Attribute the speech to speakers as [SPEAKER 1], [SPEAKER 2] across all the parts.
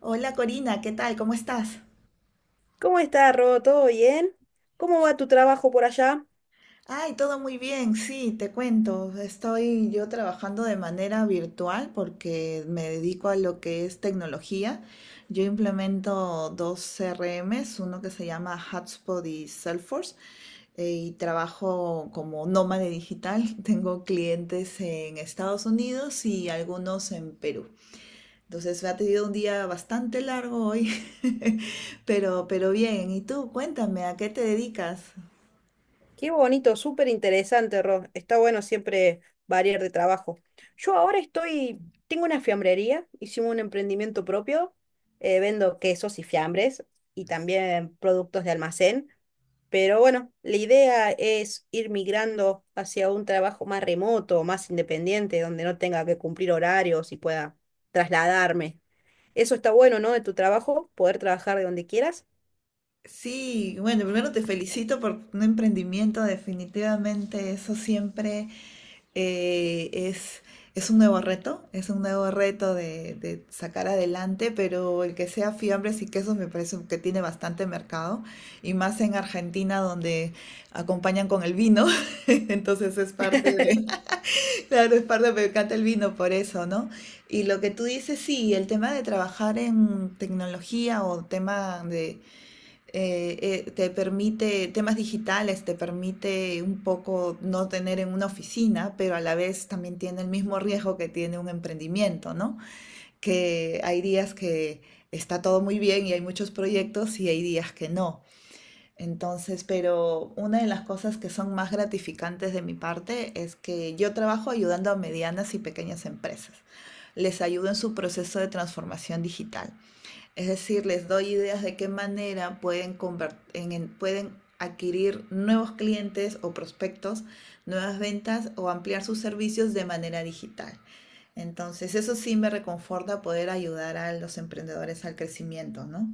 [SPEAKER 1] Hola Corina, ¿qué tal? ¿Cómo estás?
[SPEAKER 2] ¿Cómo está, Ro? ¿Todo bien? ¿Cómo va tu trabajo por allá?
[SPEAKER 1] Ay, todo muy bien, sí, te cuento. Estoy yo trabajando de manera virtual porque me dedico a lo que es tecnología. Yo implemento dos CRMs, uno que se llama Hotspot y Salesforce, y trabajo como nómade digital. Tengo clientes en Estados Unidos y algunos en Perú. Entonces me ha tenido un día bastante largo hoy, pero bien. ¿Y tú? Cuéntame, ¿a qué te dedicas?
[SPEAKER 2] Qué bonito, súper interesante, Ro. Está bueno siempre variar de trabajo. Yo ahora estoy, tengo una fiambrería, hicimos un emprendimiento propio, vendo quesos y fiambres y también productos de almacén, pero bueno, la idea es ir migrando hacia un trabajo más remoto, más independiente, donde no tenga que cumplir horarios y pueda trasladarme. Eso está bueno, ¿no? De tu trabajo, poder trabajar de donde quieras.
[SPEAKER 1] Sí, bueno, primero te felicito por un emprendimiento, definitivamente eso siempre eh, es, es un nuevo reto, es un nuevo reto de sacar adelante, pero el que sea fiambres y quesos me parece que tiene bastante mercado, y más en Argentina donde acompañan con el vino, entonces es parte de, claro, es parte, me encanta el vino por eso, ¿no? Y lo que tú dices, sí, el tema de trabajar en tecnología o tema de eh, te permite temas digitales, te permite un poco no tener en una oficina, pero a la vez también tiene el mismo riesgo que tiene un emprendimiento, ¿no? Que hay días que está todo muy bien y hay muchos proyectos y hay días que no. Entonces, pero una de las cosas que son más gratificantes de mi parte es que yo trabajo ayudando a medianas y pequeñas empresas. Les ayudo en su proceso de transformación digital. Es decir, les doy ideas de qué manera pueden, pueden adquirir nuevos clientes o prospectos, nuevas ventas o ampliar sus servicios de manera digital. Entonces, eso sí me reconforta poder ayudar a los emprendedores al crecimiento, ¿no?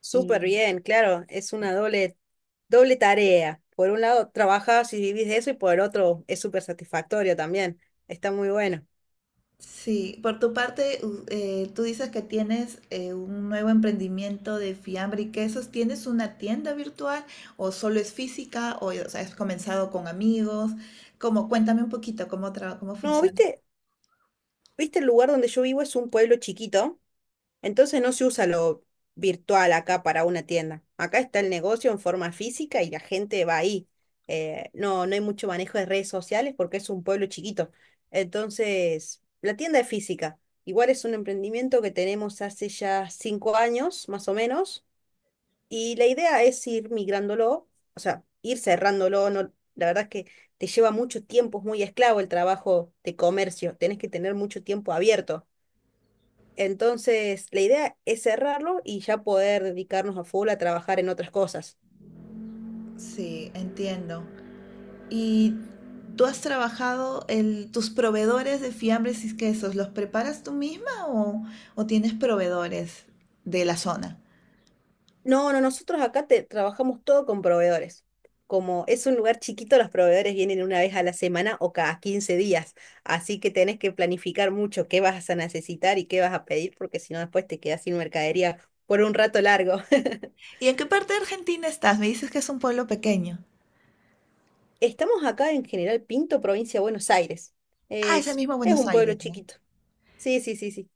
[SPEAKER 2] Súper
[SPEAKER 1] Y
[SPEAKER 2] bien, claro, es una doble, doble tarea. Por un lado trabajas y vivís de eso y por el otro es súper satisfactorio también. Está muy bueno.
[SPEAKER 1] Sí, por tu parte, tú dices que tienes un nuevo emprendimiento de fiambre y quesos. ¿Tienes una tienda virtual o solo es física o sea, has comenzado con amigos? ¿Cómo? Cuéntame un poquito cómo
[SPEAKER 2] No,
[SPEAKER 1] funciona.
[SPEAKER 2] viste, viste el lugar donde yo vivo es un pueblo chiquito, entonces no se usa lo virtual acá para una tienda. Acá está el negocio en forma física y la gente va ahí. No, no hay mucho manejo de redes sociales porque es un pueblo chiquito. Entonces, la tienda es física. Igual es un emprendimiento que tenemos hace ya cinco años, más o menos. Y la idea es ir migrándolo, o sea, ir cerrándolo. No, la verdad es que te lleva mucho tiempo, es muy esclavo el trabajo de comercio, tenés que tener mucho tiempo abierto. Entonces, la idea es cerrarlo y ya poder dedicarnos a full a trabajar en otras cosas.
[SPEAKER 1] Sí, entiendo. ¿Y tú has trabajado tus proveedores de fiambres y quesos? ¿Los preparas tú misma o tienes proveedores de la zona?
[SPEAKER 2] No, no, nosotros acá te, trabajamos todo con proveedores. Como es un lugar chiquito, los proveedores vienen una vez a la semana o cada 15 días. Así que tenés que planificar mucho qué vas a necesitar y qué vas a pedir, porque si no después te quedas sin mercadería por un rato largo.
[SPEAKER 1] ¿Y en qué parte de Argentina estás? Me dices que es un pueblo pequeño.
[SPEAKER 2] Estamos acá en General Pinto, provincia de Buenos Aires.
[SPEAKER 1] Ah, es el mismo
[SPEAKER 2] Es
[SPEAKER 1] Buenos
[SPEAKER 2] un pueblo
[SPEAKER 1] Aires, ¿no?
[SPEAKER 2] chiquito. Sí, sí, sí, sí.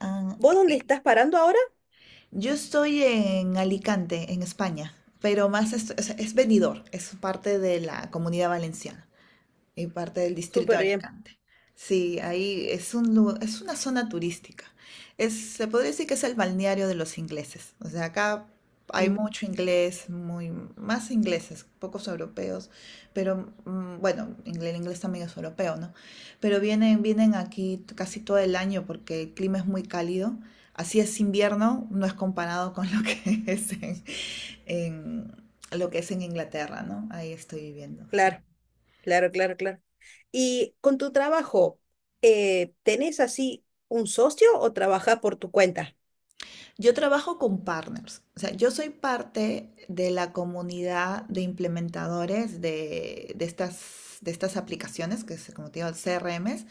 [SPEAKER 1] Ah,
[SPEAKER 2] ¿Vos dónde
[SPEAKER 1] y-
[SPEAKER 2] estás parando ahora?
[SPEAKER 1] yo estoy en Alicante, en España, pero más est- o es, venidor, es parte de la comunidad valenciana y parte del distrito
[SPEAKER 2] Súper
[SPEAKER 1] de
[SPEAKER 2] bien.
[SPEAKER 1] Alicante. Sí, ahí es es una zona turística. Es, se podría decir que es el balneario de los ingleses. O sea, acá hay
[SPEAKER 2] Mm.
[SPEAKER 1] mucho inglés, muy, más ingleses, pocos europeos, pero bueno, el inglés también es europeo, ¿no? Pero vienen aquí casi todo el año porque el clima es muy cálido. Así es invierno, no es comparado con lo que es en- lo que es en Inglaterra, ¿no? Ahí estoy viviendo, sí.
[SPEAKER 2] Claro, claro, claro, claro. Y con tu trabajo, ¿tenés así un socio o trabajás por tu cuenta?
[SPEAKER 1] Yo trabajo con partners, o sea, yo soy parte de la comunidad de implementadores de estas aplicaciones, que es como te digo, CRMs,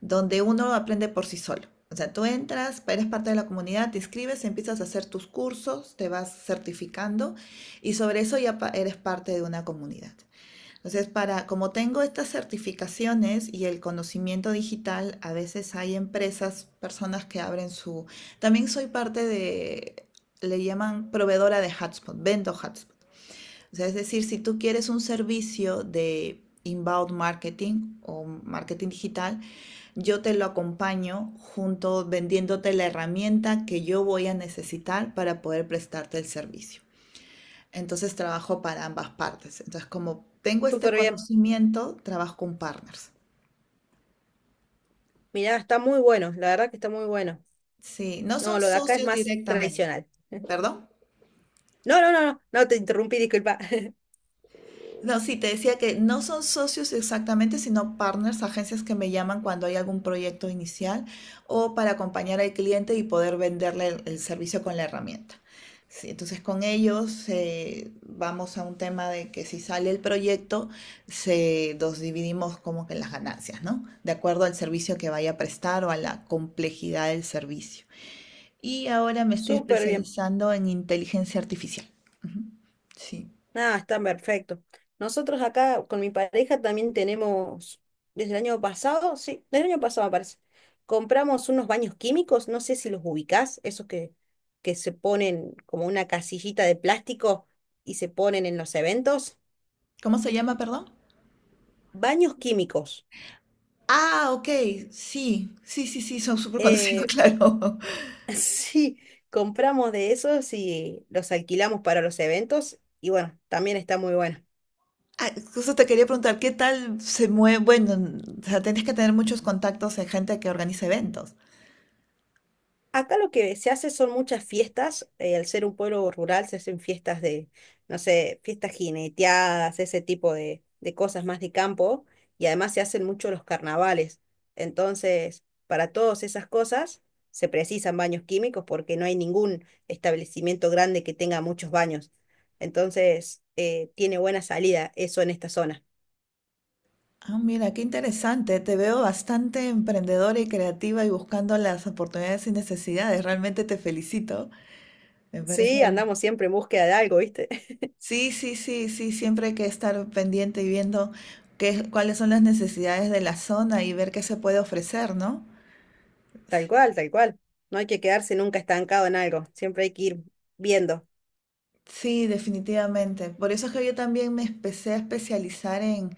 [SPEAKER 1] donde uno aprende por sí solo. O sea, tú entras, eres parte de la comunidad, te inscribes, empiezas a hacer tus cursos, te vas certificando y sobre eso ya eres parte de una comunidad. Entonces, para, como tengo estas certificaciones y el conocimiento digital, a veces hay empresas, personas que abren su... También soy parte de, le llaman proveedora de hotspot, vendo hotspot. O sea, es decir, si tú quieres un servicio de inbound marketing o marketing digital, yo te lo acompaño junto vendiéndote la herramienta que yo voy a necesitar para poder prestarte el servicio. Entonces trabajo para ambas partes. Entonces, como tengo este
[SPEAKER 2] Súper bien.
[SPEAKER 1] conocimiento, trabajo con partners.
[SPEAKER 2] Mirá, está muy bueno, la verdad que está muy bueno.
[SPEAKER 1] Sí, no
[SPEAKER 2] No,
[SPEAKER 1] son
[SPEAKER 2] lo de acá es
[SPEAKER 1] socios
[SPEAKER 2] más
[SPEAKER 1] directamente.
[SPEAKER 2] tradicional.
[SPEAKER 1] ¿Perdón?
[SPEAKER 2] No, no, no, no, no te interrumpí, disculpa.
[SPEAKER 1] No, sí, te decía que no son socios exactamente, sino partners, agencias que me llaman cuando hay algún proyecto inicial o para acompañar al cliente y poder venderle el servicio con la herramienta. Sí, entonces con ellos vamos a un tema de que si sale el proyecto, se, nos dividimos como que las ganancias, ¿no? De acuerdo al servicio que vaya a prestar o a la complejidad del servicio. Y ahora me estoy
[SPEAKER 2] Súper bien.
[SPEAKER 1] especializando en inteligencia artificial. Ujú, sí.
[SPEAKER 2] Nada, está perfecto. Nosotros acá con mi pareja también tenemos, desde el año pasado, sí, desde el año pasado me parece, compramos unos baños químicos, no sé si los ubicás, esos que se ponen como una casillita de plástico y se ponen en los eventos.
[SPEAKER 1] ¿Cómo se llama, perdón?
[SPEAKER 2] Baños químicos.
[SPEAKER 1] Ah, ok, sí, sí, sí, sí, son súper conocidos,
[SPEAKER 2] Eh,
[SPEAKER 1] claro.
[SPEAKER 2] sí, compramos de esos y los alquilamos para los eventos y bueno, también está muy bueno.
[SPEAKER 1] Ah, justo te quería preguntar, ¿qué tal se mueve? Bueno, o sea, tienes que tener muchos contactos en gente que organiza eventos.
[SPEAKER 2] Acá lo que se hace son muchas fiestas, al ser un pueblo rural se hacen fiestas de, no sé, fiestas jineteadas, ese tipo de cosas más de campo, y además se hacen mucho los carnavales. Entonces, para todas esas cosas se precisan baños químicos porque no hay ningún establecimiento grande que tenga muchos baños. Entonces, tiene buena salida eso en esta zona.
[SPEAKER 1] Ah, mira, qué interesante. Te veo bastante emprendedora y creativa y buscando las oportunidades y necesidades. Realmente te felicito. Me
[SPEAKER 2] Sí,
[SPEAKER 1] parece.
[SPEAKER 2] andamos siempre en búsqueda de algo, ¿viste?
[SPEAKER 1] Sí, sí, sí, sí. Siempre hay que estar pendiente y viendo qué, cuáles son las necesidades de la zona y ver qué se puede ofrecer, ¿no?
[SPEAKER 2] Tal
[SPEAKER 1] Sí.
[SPEAKER 2] cual, tal cual. No hay que quedarse nunca estancado en algo, siempre hay que ir viendo.
[SPEAKER 1] Sí, definitivamente. Por eso es que yo también me empecé a especializar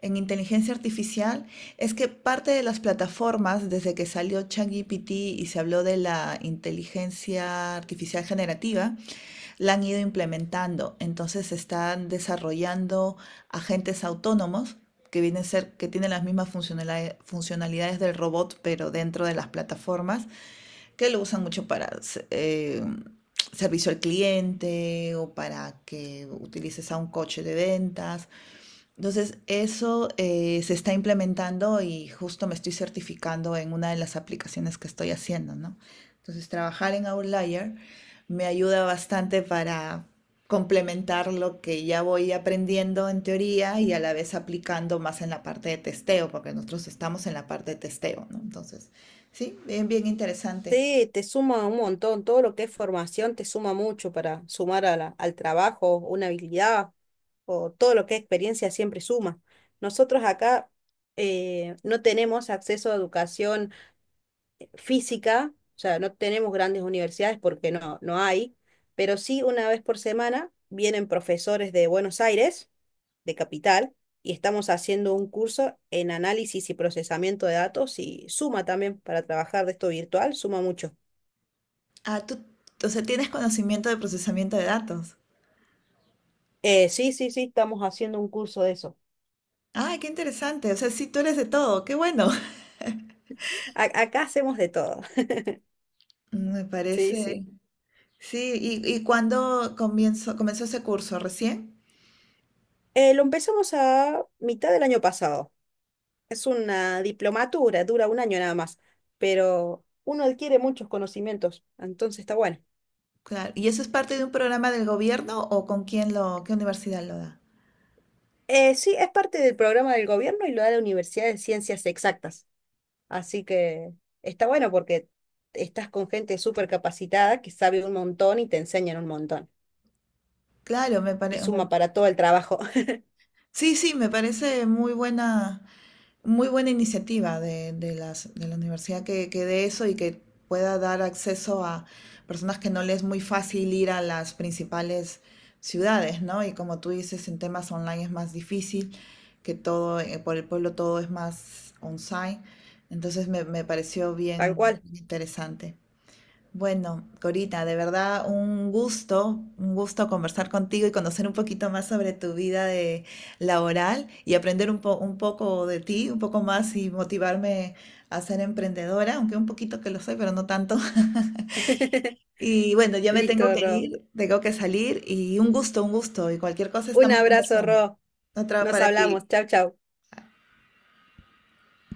[SPEAKER 1] en inteligencia artificial. Es que parte de las plataformas, desde que salió ChatGPT y se habló de la inteligencia artificial generativa, la han ido implementando. Entonces están desarrollando agentes autónomos que vienen a ser, que tienen las mismas funcionalidades, funcionalidades del robot, pero dentro de las plataformas que lo usan mucho para eh, servicio al cliente o para que utilices a un coche de ventas. Entonces, eso se está implementando y justo me estoy certificando en una de las aplicaciones que estoy haciendo, ¿no? Entonces, trabajar en Outlier me ayuda bastante para complementar lo que ya voy aprendiendo en teoría y a la vez aplicando más en la parte de testeo, porque nosotros estamos en la parte de testeo, ¿no? Entonces, sí, bien, bien interesante.
[SPEAKER 2] Sí, te suma un montón, todo lo que es formación te suma mucho para sumar a al trabajo, una habilidad o todo lo que es experiencia siempre suma. Nosotros acá no tenemos acceso a educación física, o sea, no tenemos grandes universidades porque no, no hay, pero sí una vez por semana vienen profesores de Buenos Aires de Capital y estamos haciendo un curso en análisis y procesamiento de datos y suma también para trabajar de esto virtual, suma mucho.
[SPEAKER 1] Ah, tú, o sea, tienes conocimiento de procesamiento de datos.
[SPEAKER 2] Sí, sí, sí, estamos haciendo un curso de eso.
[SPEAKER 1] Ah, qué interesante. O sea, sí, tú eres de todo. Qué bueno.
[SPEAKER 2] Acá hacemos de todo.
[SPEAKER 1] Me
[SPEAKER 2] Sí, sí.
[SPEAKER 1] parece. Sí, ¿ y cuándo comenzó ese curso? ¿Recién?
[SPEAKER 2] Lo empezamos a mitad del año pasado. Es una diplomatura, dura un año nada más, pero uno adquiere muchos conocimientos, entonces está bueno.
[SPEAKER 1] Claro. ¿Y eso es parte de un programa del gobierno o con quién lo, qué universidad lo da?
[SPEAKER 2] Sí, es parte del programa del gobierno y lo da la Universidad de Ciencias Exactas. Así que está bueno porque estás con gente súper capacitada que sabe un montón y te enseñan un montón.
[SPEAKER 1] Claro, me
[SPEAKER 2] Y
[SPEAKER 1] parece.
[SPEAKER 2] suma para todo el trabajo.
[SPEAKER 1] Sí, sí, me parece muy buena. Muy buena iniciativa de la universidad que dé eso y que pueda dar acceso a personas que no les es muy fácil ir a las principales ciudades, ¿no? Y como tú dices, en temas online es más difícil, que todo, por el pueblo todo es más on-site. Entonces me pareció
[SPEAKER 2] Tal
[SPEAKER 1] bien
[SPEAKER 2] cual.
[SPEAKER 1] interesante. Bueno, Corita, de verdad un gusto conversar contigo y conocer un poquito más sobre tu vida de laboral y aprender un poco de ti, un poco más y motivarme a ser emprendedora, aunque un poquito que lo soy, pero no tanto. Y bueno, ya me tengo
[SPEAKER 2] Listo,
[SPEAKER 1] que
[SPEAKER 2] Ro.
[SPEAKER 1] ir, tengo que salir y un gusto y cualquier cosa
[SPEAKER 2] Un
[SPEAKER 1] estamos
[SPEAKER 2] abrazo,
[SPEAKER 1] conversando.
[SPEAKER 2] Ro.
[SPEAKER 1] Otra
[SPEAKER 2] Nos
[SPEAKER 1] para
[SPEAKER 2] hablamos.
[SPEAKER 1] ti.
[SPEAKER 2] Chau, chau.